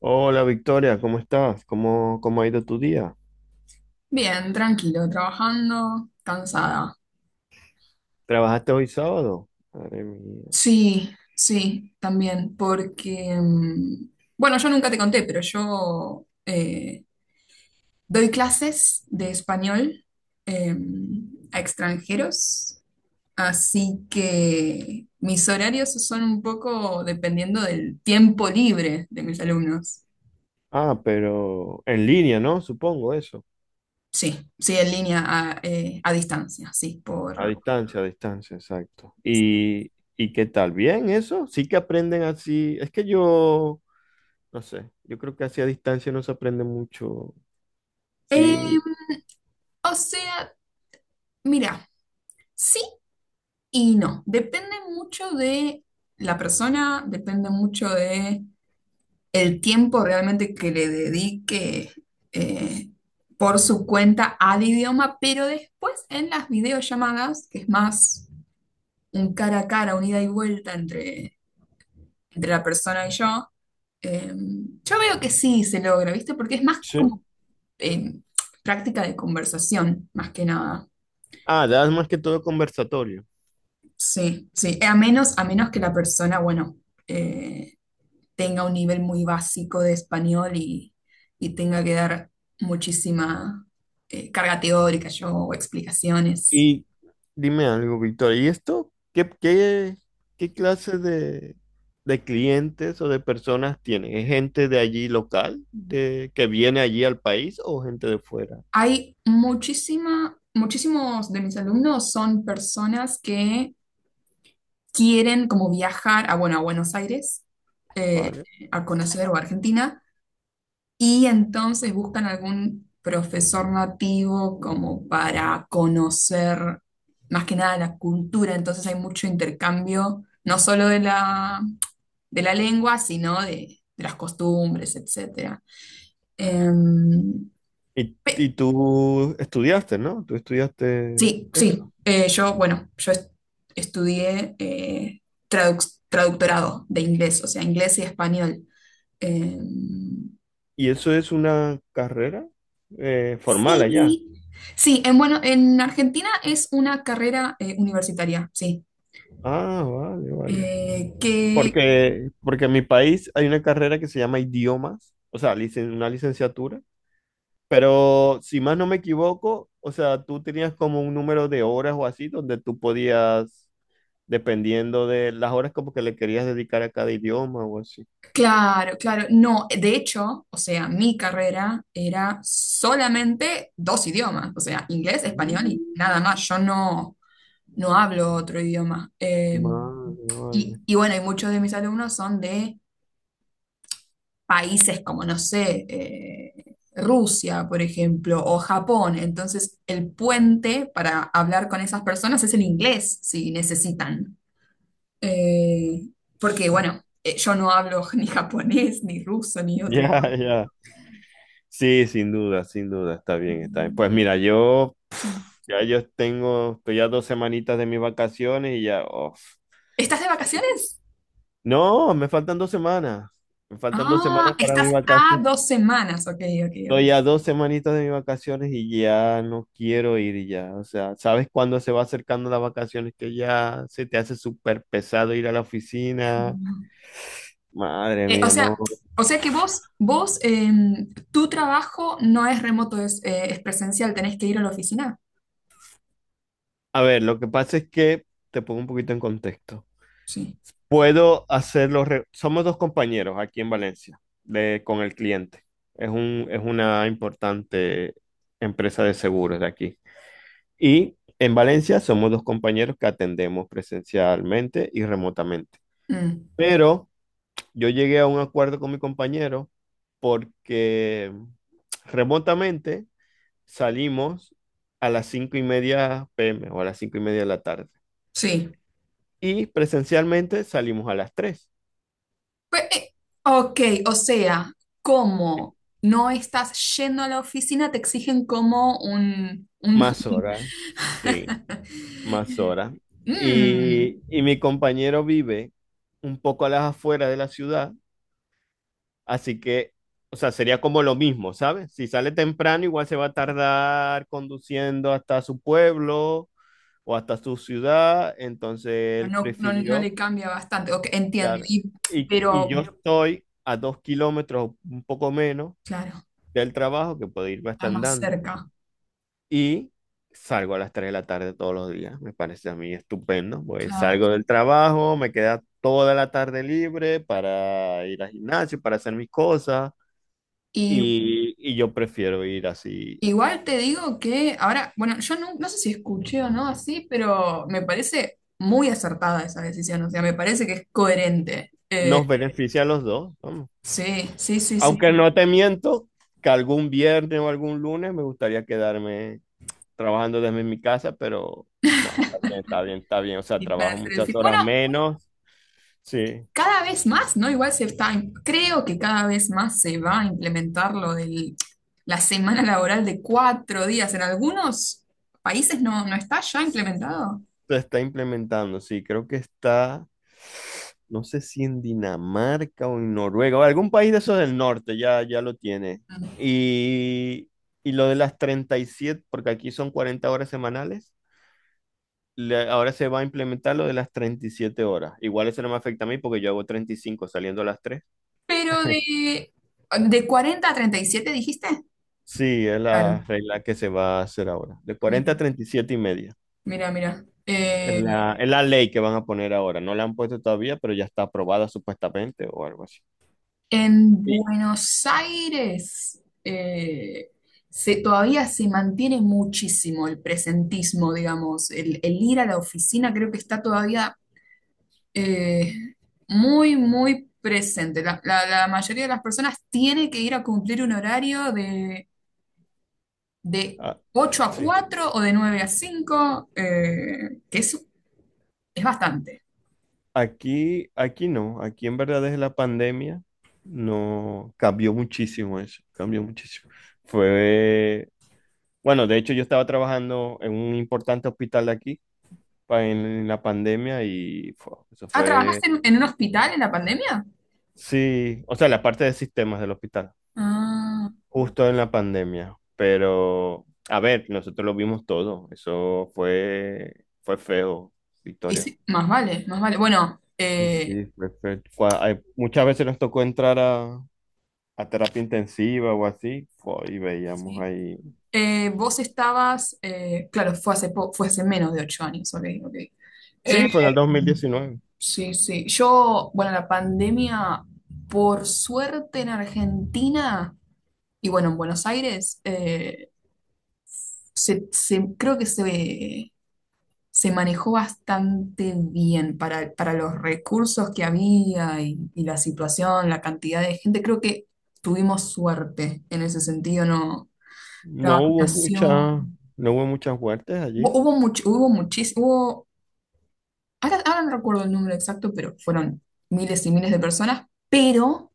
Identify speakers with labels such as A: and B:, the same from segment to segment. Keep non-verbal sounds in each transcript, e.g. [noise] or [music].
A: Hola Victoria, ¿cómo estás? ¿Cómo ha ido tu día?
B: Bien, tranquilo, trabajando, cansada.
A: ¿Trabajaste hoy sábado? Madre mía.
B: Sí, sí, también, porque, bueno, yo nunca te conté, pero yo doy clases de español eh, a extranjeros, así que mis horarios son un poco dependiendo del tiempo libre de mis alumnos.
A: Ah, pero en línea, ¿no? Supongo eso.
B: Sí, sí, en línea, a distancia, sí.
A: A distancia, exacto. ¿Y qué tal? ¿Bien eso? Sí que aprenden así. Es que yo, no sé, yo creo que así a distancia no se aprende mucho.
B: Eh,
A: Sí.
B: o sea, mira. Sí. Y no, depende mucho de la persona, depende mucho de el tiempo realmente que le dedique eh, por su cuenta al idioma, pero después en las videollamadas, que es más un cara a cara, un ida y vuelta entre la persona y yo, eh, yo veo que sí se logra, ¿viste? Porque es más
A: Sí.
B: como eh, práctica de conversación, más que nada.
A: Ah, das más que todo conversatorio.
B: Sí, sí, a menos que la persona, bueno, eh, tenga un nivel muy básico de español y tenga que dar muchísima carga teórica yo, o explicaciones.
A: Y dime algo, Víctor, ¿y esto qué clase de clientes o de personas tiene? ¿Es gente de allí local, que viene allí al país o gente de fuera?
B: Hay muchísimos de mis alumnos son personas que quieren como viajar a, bueno, a Buenos Aires, eh,
A: ¿Vale?
B: a conocer o a Argentina. Y entonces buscan algún profesor nativo como para conocer más que nada la cultura. Entonces hay mucho intercambio, no solo de la lengua, sino de las costumbres, etcétera. Em,
A: Y
B: pe-
A: tú estudiaste, ¿no? Tú estudiaste.
B: sí, sí. Yo, bueno, yo estudié traductorado de inglés, o sea, inglés y español. Em,
A: ¿Y eso es una carrera formal allá?
B: Sí, sí, bueno, en Argentina es una carrera universitaria, sí.
A: Ah, vale, vale.
B: Eh, que,
A: Porque en mi país hay una carrera que se llama idiomas, o sea, una licenciatura. Pero si más no me equivoco, o sea, tú tenías como un número de horas o así donde tú podías, dependiendo de las horas como que le querías dedicar a cada idioma o así.
B: claro, claro, no, de hecho, o sea, mi carrera era solamente dos idiomas, o sea, inglés, español y nada
A: Mm.
B: más, yo no hablo otro idioma.
A: Vale, vale.
B: Bueno, y muchos de mis alumnos son de países como, no sé, Rusia, por ejemplo, o Japón. Entonces, el puente para hablar con esas personas es el inglés, si necesitan. Eh, Porque, bueno, yo no hablo [laughs] ni japonés, ni ruso, ni
A: [laughs]
B: otro
A: Ya,
B: idioma.
A: ya. Sí, sin duda, sin duda, está bien, está bien. Pues mira, yo
B: Sí.
A: ya yo tengo, estoy ya 2 semanitas de mis vacaciones y ya, uf,
B: ¿Estás de
A: estoy-
B: vacaciones?
A: no, me faltan 2 semanas. Me faltan dos
B: Ah,
A: semanas para mi
B: estás a
A: vacaciones.
B: 2 semanas. Ok, ok, ok.
A: Estoy a 2 semanitas de mis vacaciones y ya no quiero ir ya. O sea, ¿sabes cuándo se va acercando las vacaciones que ya se te hace súper pesado ir a la oficina? Madre
B: Eh, o
A: mía, no.
B: sea, o sea que vos, tu trabajo no es remoto, es presencial, tenés que ir a la oficina.
A: A ver, lo que pasa es que te pongo un poquito en contexto.
B: Sí.
A: Puedo hacerlo. Somos dos compañeros aquí en Valencia con el cliente. Es una importante empresa de seguros de aquí. Y en Valencia somos dos compañeros que atendemos presencialmente y remotamente.
B: Mm,
A: Pero yo llegué a un acuerdo con mi compañero porque remotamente salimos a las 5:30 PM o a las 5:30 de la tarde.
B: sí.
A: Y presencialmente salimos a las 3.
B: Pues, ok, o sea, como no estás yendo a la oficina, te exigen como un.
A: Más horas, sí, más
B: [laughs]
A: horas.
B: Mm,
A: Y mi compañero vive un poco a las afueras de la ciudad, así que, o sea, sería como lo mismo, ¿sabes? Si sale temprano, igual se va a tardar conduciendo hasta su pueblo o hasta su ciudad, entonces él
B: no, no, no le
A: prefirió,
B: cambia bastante. Ok, entiendo.
A: claro, y yo
B: Pero,
A: pero estoy a 2 kilómetros, un poco menos,
B: claro,
A: del trabajo, que puedo irme hasta
B: estás más
A: andando,
B: cerca.
A: y salgo a las 3 de la tarde todos los días, me parece a mí estupendo, pues
B: Claro.
A: salgo del trabajo, me queda toda la tarde libre para ir al gimnasio, para hacer mis cosas,
B: Y,
A: y yo prefiero ir así,
B: igual te digo que ahora, bueno, yo no sé si escuché o no así, pero me parece muy acertada esa decisión. O sea, me parece que es coherente.
A: nos beneficia a los dos.
B: Sí, sí, sí, sí,
A: Aunque
B: sí.
A: no te miento que algún viernes o algún lunes me gustaría quedarme trabajando desde mi casa, pero no, está bien, está bien, está bien. O sea,
B: Y para
A: trabajo
B: hacer el
A: muchas
B: fit- Bueno,
A: horas menos. Sí,
B: cada vez más, ¿no? Igual creo que cada vez más se va a implementar lo de la semana laboral de 4 días. En algunos países no está ya implementado.
A: se está implementando, sí, creo que está, no sé si en Dinamarca o en Noruega, o algún país de esos del norte ya, ya lo tiene.
B: Mm.
A: Y, y lo de las 37, porque aquí son 40 horas semanales. Ahora se va a implementar lo de las 37 horas. Igual eso no me afecta a mí porque yo hago 35 saliendo a las 3.
B: Pero
A: [laughs]
B: de 40 a 37, dijiste.
A: Sí, es
B: Claro,
A: la regla que se va a hacer ahora. De 40 a
B: mira,
A: 37 y siete y media.
B: mira, mira.
A: Es la, es la ley que van a poner ahora. No la han puesto todavía, pero ya está aprobada supuestamente o algo así.
B: En
A: Sí.
B: Buenos Aires todavía se mantiene muchísimo el presentismo, digamos, el ir a la oficina creo que está todavía eh, muy, muy presente. La mayoría de las personas tiene que ir a cumplir un horario de
A: Ah,
B: ocho a
A: sí.
B: cuatro o de 9 a 5, que es bastante.
A: Aquí, aquí no. Aquí en verdad desde la pandemia no cambió muchísimo eso. Cambió muchísimo. Fue, bueno, de hecho yo estaba trabajando en un importante hospital de aquí en la pandemia y eso
B: Ah,
A: fue,
B: ¿trabajaste en un hospital en la pandemia?
A: sí, o sea, la parte de sistemas del hospital,
B: Ah,
A: justo en la pandemia, pero a ver, nosotros lo vimos todo, eso fue feo,
B: y
A: Victoria.
B: sí, más vale, más vale. Bueno.
A: Sí, sí, fue feo. Muchas veces nos tocó entrar a terapia intensiva o así, y veíamos
B: Sí.
A: ahí.
B: Vos estabas, claro, fue hace menos de 8 años, ok, ok. Eh,
A: Sí, fue en el 2019.
B: sí, sí. Yo, bueno, la pandemia, por suerte en Argentina y bueno, en Buenos Aires, creo que se manejó bastante bien para los recursos que había y la situación, la cantidad de gente. Creo que tuvimos suerte en ese sentido, ¿no? La
A: No hubo mucha,
B: vacunación.
A: no hubo muchas muertes
B: Hubo,
A: allí.
B: hubo much- hubo muchis- hubo, ahora no recuerdo el número exacto, pero fueron miles y miles de personas, pero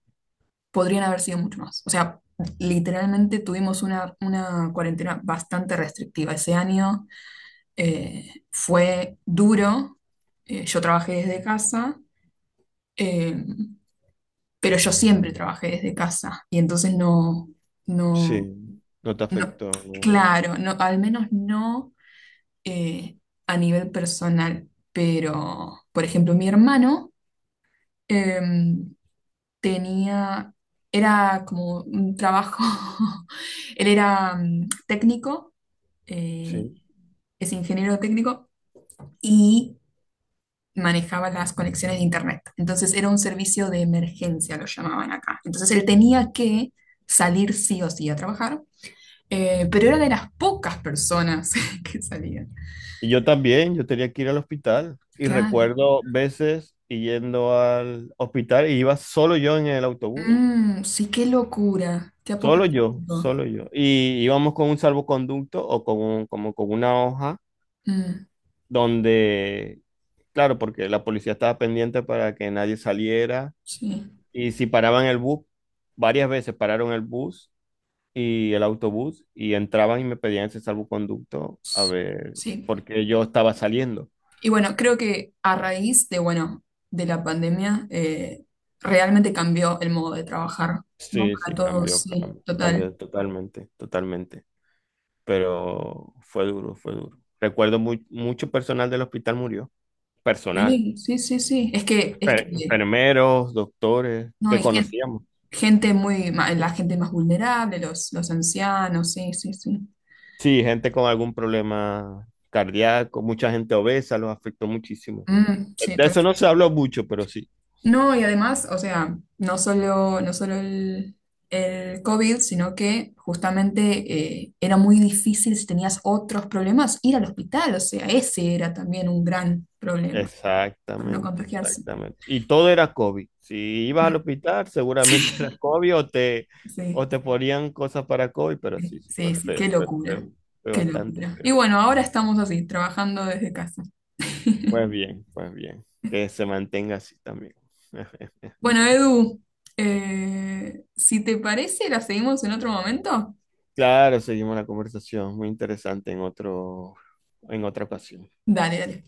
B: podrían haber sido mucho más. O sea, literalmente tuvimos una cuarentena bastante restrictiva ese año. Fue duro. Yo trabajé desde casa, eh, pero yo siempre trabajé desde casa. Y entonces no,
A: Sí,
B: no,
A: no te
B: no,
A: afectó, no.
B: claro, no, al menos no. eh, a nivel personal, pero, por ejemplo, mi hermano em, tenía, era como un trabajo, [laughs] él era técnico, eh,
A: Sí.
B: es ingeniero técnico y manejaba las conexiones de internet. Entonces era un servicio de emergencia, lo llamaban acá. Entonces él tenía que salir sí o sí a trabajar, pero era de las pocas personas [laughs] que salían.
A: Y yo también, yo tenía que ir al hospital. Y
B: Claro.
A: recuerdo veces y yendo al hospital y iba solo yo en el autobús.
B: Mm, sí, qué locura, qué
A: Solo yo,
B: apocalíptico.
A: solo yo. Y íbamos con un salvoconducto o con como con una hoja
B: Mm,
A: donde, claro, porque la policía estaba pendiente para que nadie saliera.
B: sí,
A: Y si paraban el bus, varias veces pararon el bus y el autobús y entraban y me pedían ese salvoconducto a
B: s-
A: ver
B: sí.
A: por qué yo estaba saliendo.
B: Y bueno, creo que a raíz de, bueno, de la pandemia, realmente cambió el modo de trabajar, ¿no?
A: Sí,
B: Para
A: sí,
B: todos,
A: cambió,
B: sí,
A: cambió,
B: total.
A: cambió totalmente, totalmente. Pero fue duro, fue duro. Recuerdo mucho personal del hospital murió. Personal,
B: Sí, sí, sí, sí. Es que
A: enfermeros, doctores
B: no,
A: que
B: hay
A: conocíamos.
B: la gente más vulnerable, los ancianos, sí, sí, sí.
A: Sí, gente con algún problema cardíaco, mucha gente obesa, los afectó muchísimo.
B: Mm, sí.
A: De eso no se habló mucho, pero sí.
B: No, y además, o sea, no solo el COVID, sino que justamente era muy difícil si tenías otros problemas ir al hospital, o sea, ese era también un gran problema para no
A: Exactamente,
B: contagiarse.
A: exactamente. Y todo era COVID. Si ibas al
B: Mm.
A: hospital, seguramente [laughs] era COVID o te,
B: Sí,
A: o te ponían cosas para COVID, pero
B: sí,
A: sí, sí, fue
B: sí, sí,
A: feo,
B: qué
A: fue
B: locura,
A: feo, fue
B: qué
A: bastante
B: locura. Y
A: feo.
B: bueno, ahora estamos así, trabajando desde casa.
A: Pues bien, que se mantenga así también. [laughs]
B: Bueno, Edu, si te parece, la seguimos en otro momento.
A: Claro, seguimos la conversación, muy interesante en otra ocasión.
B: Dale, dale.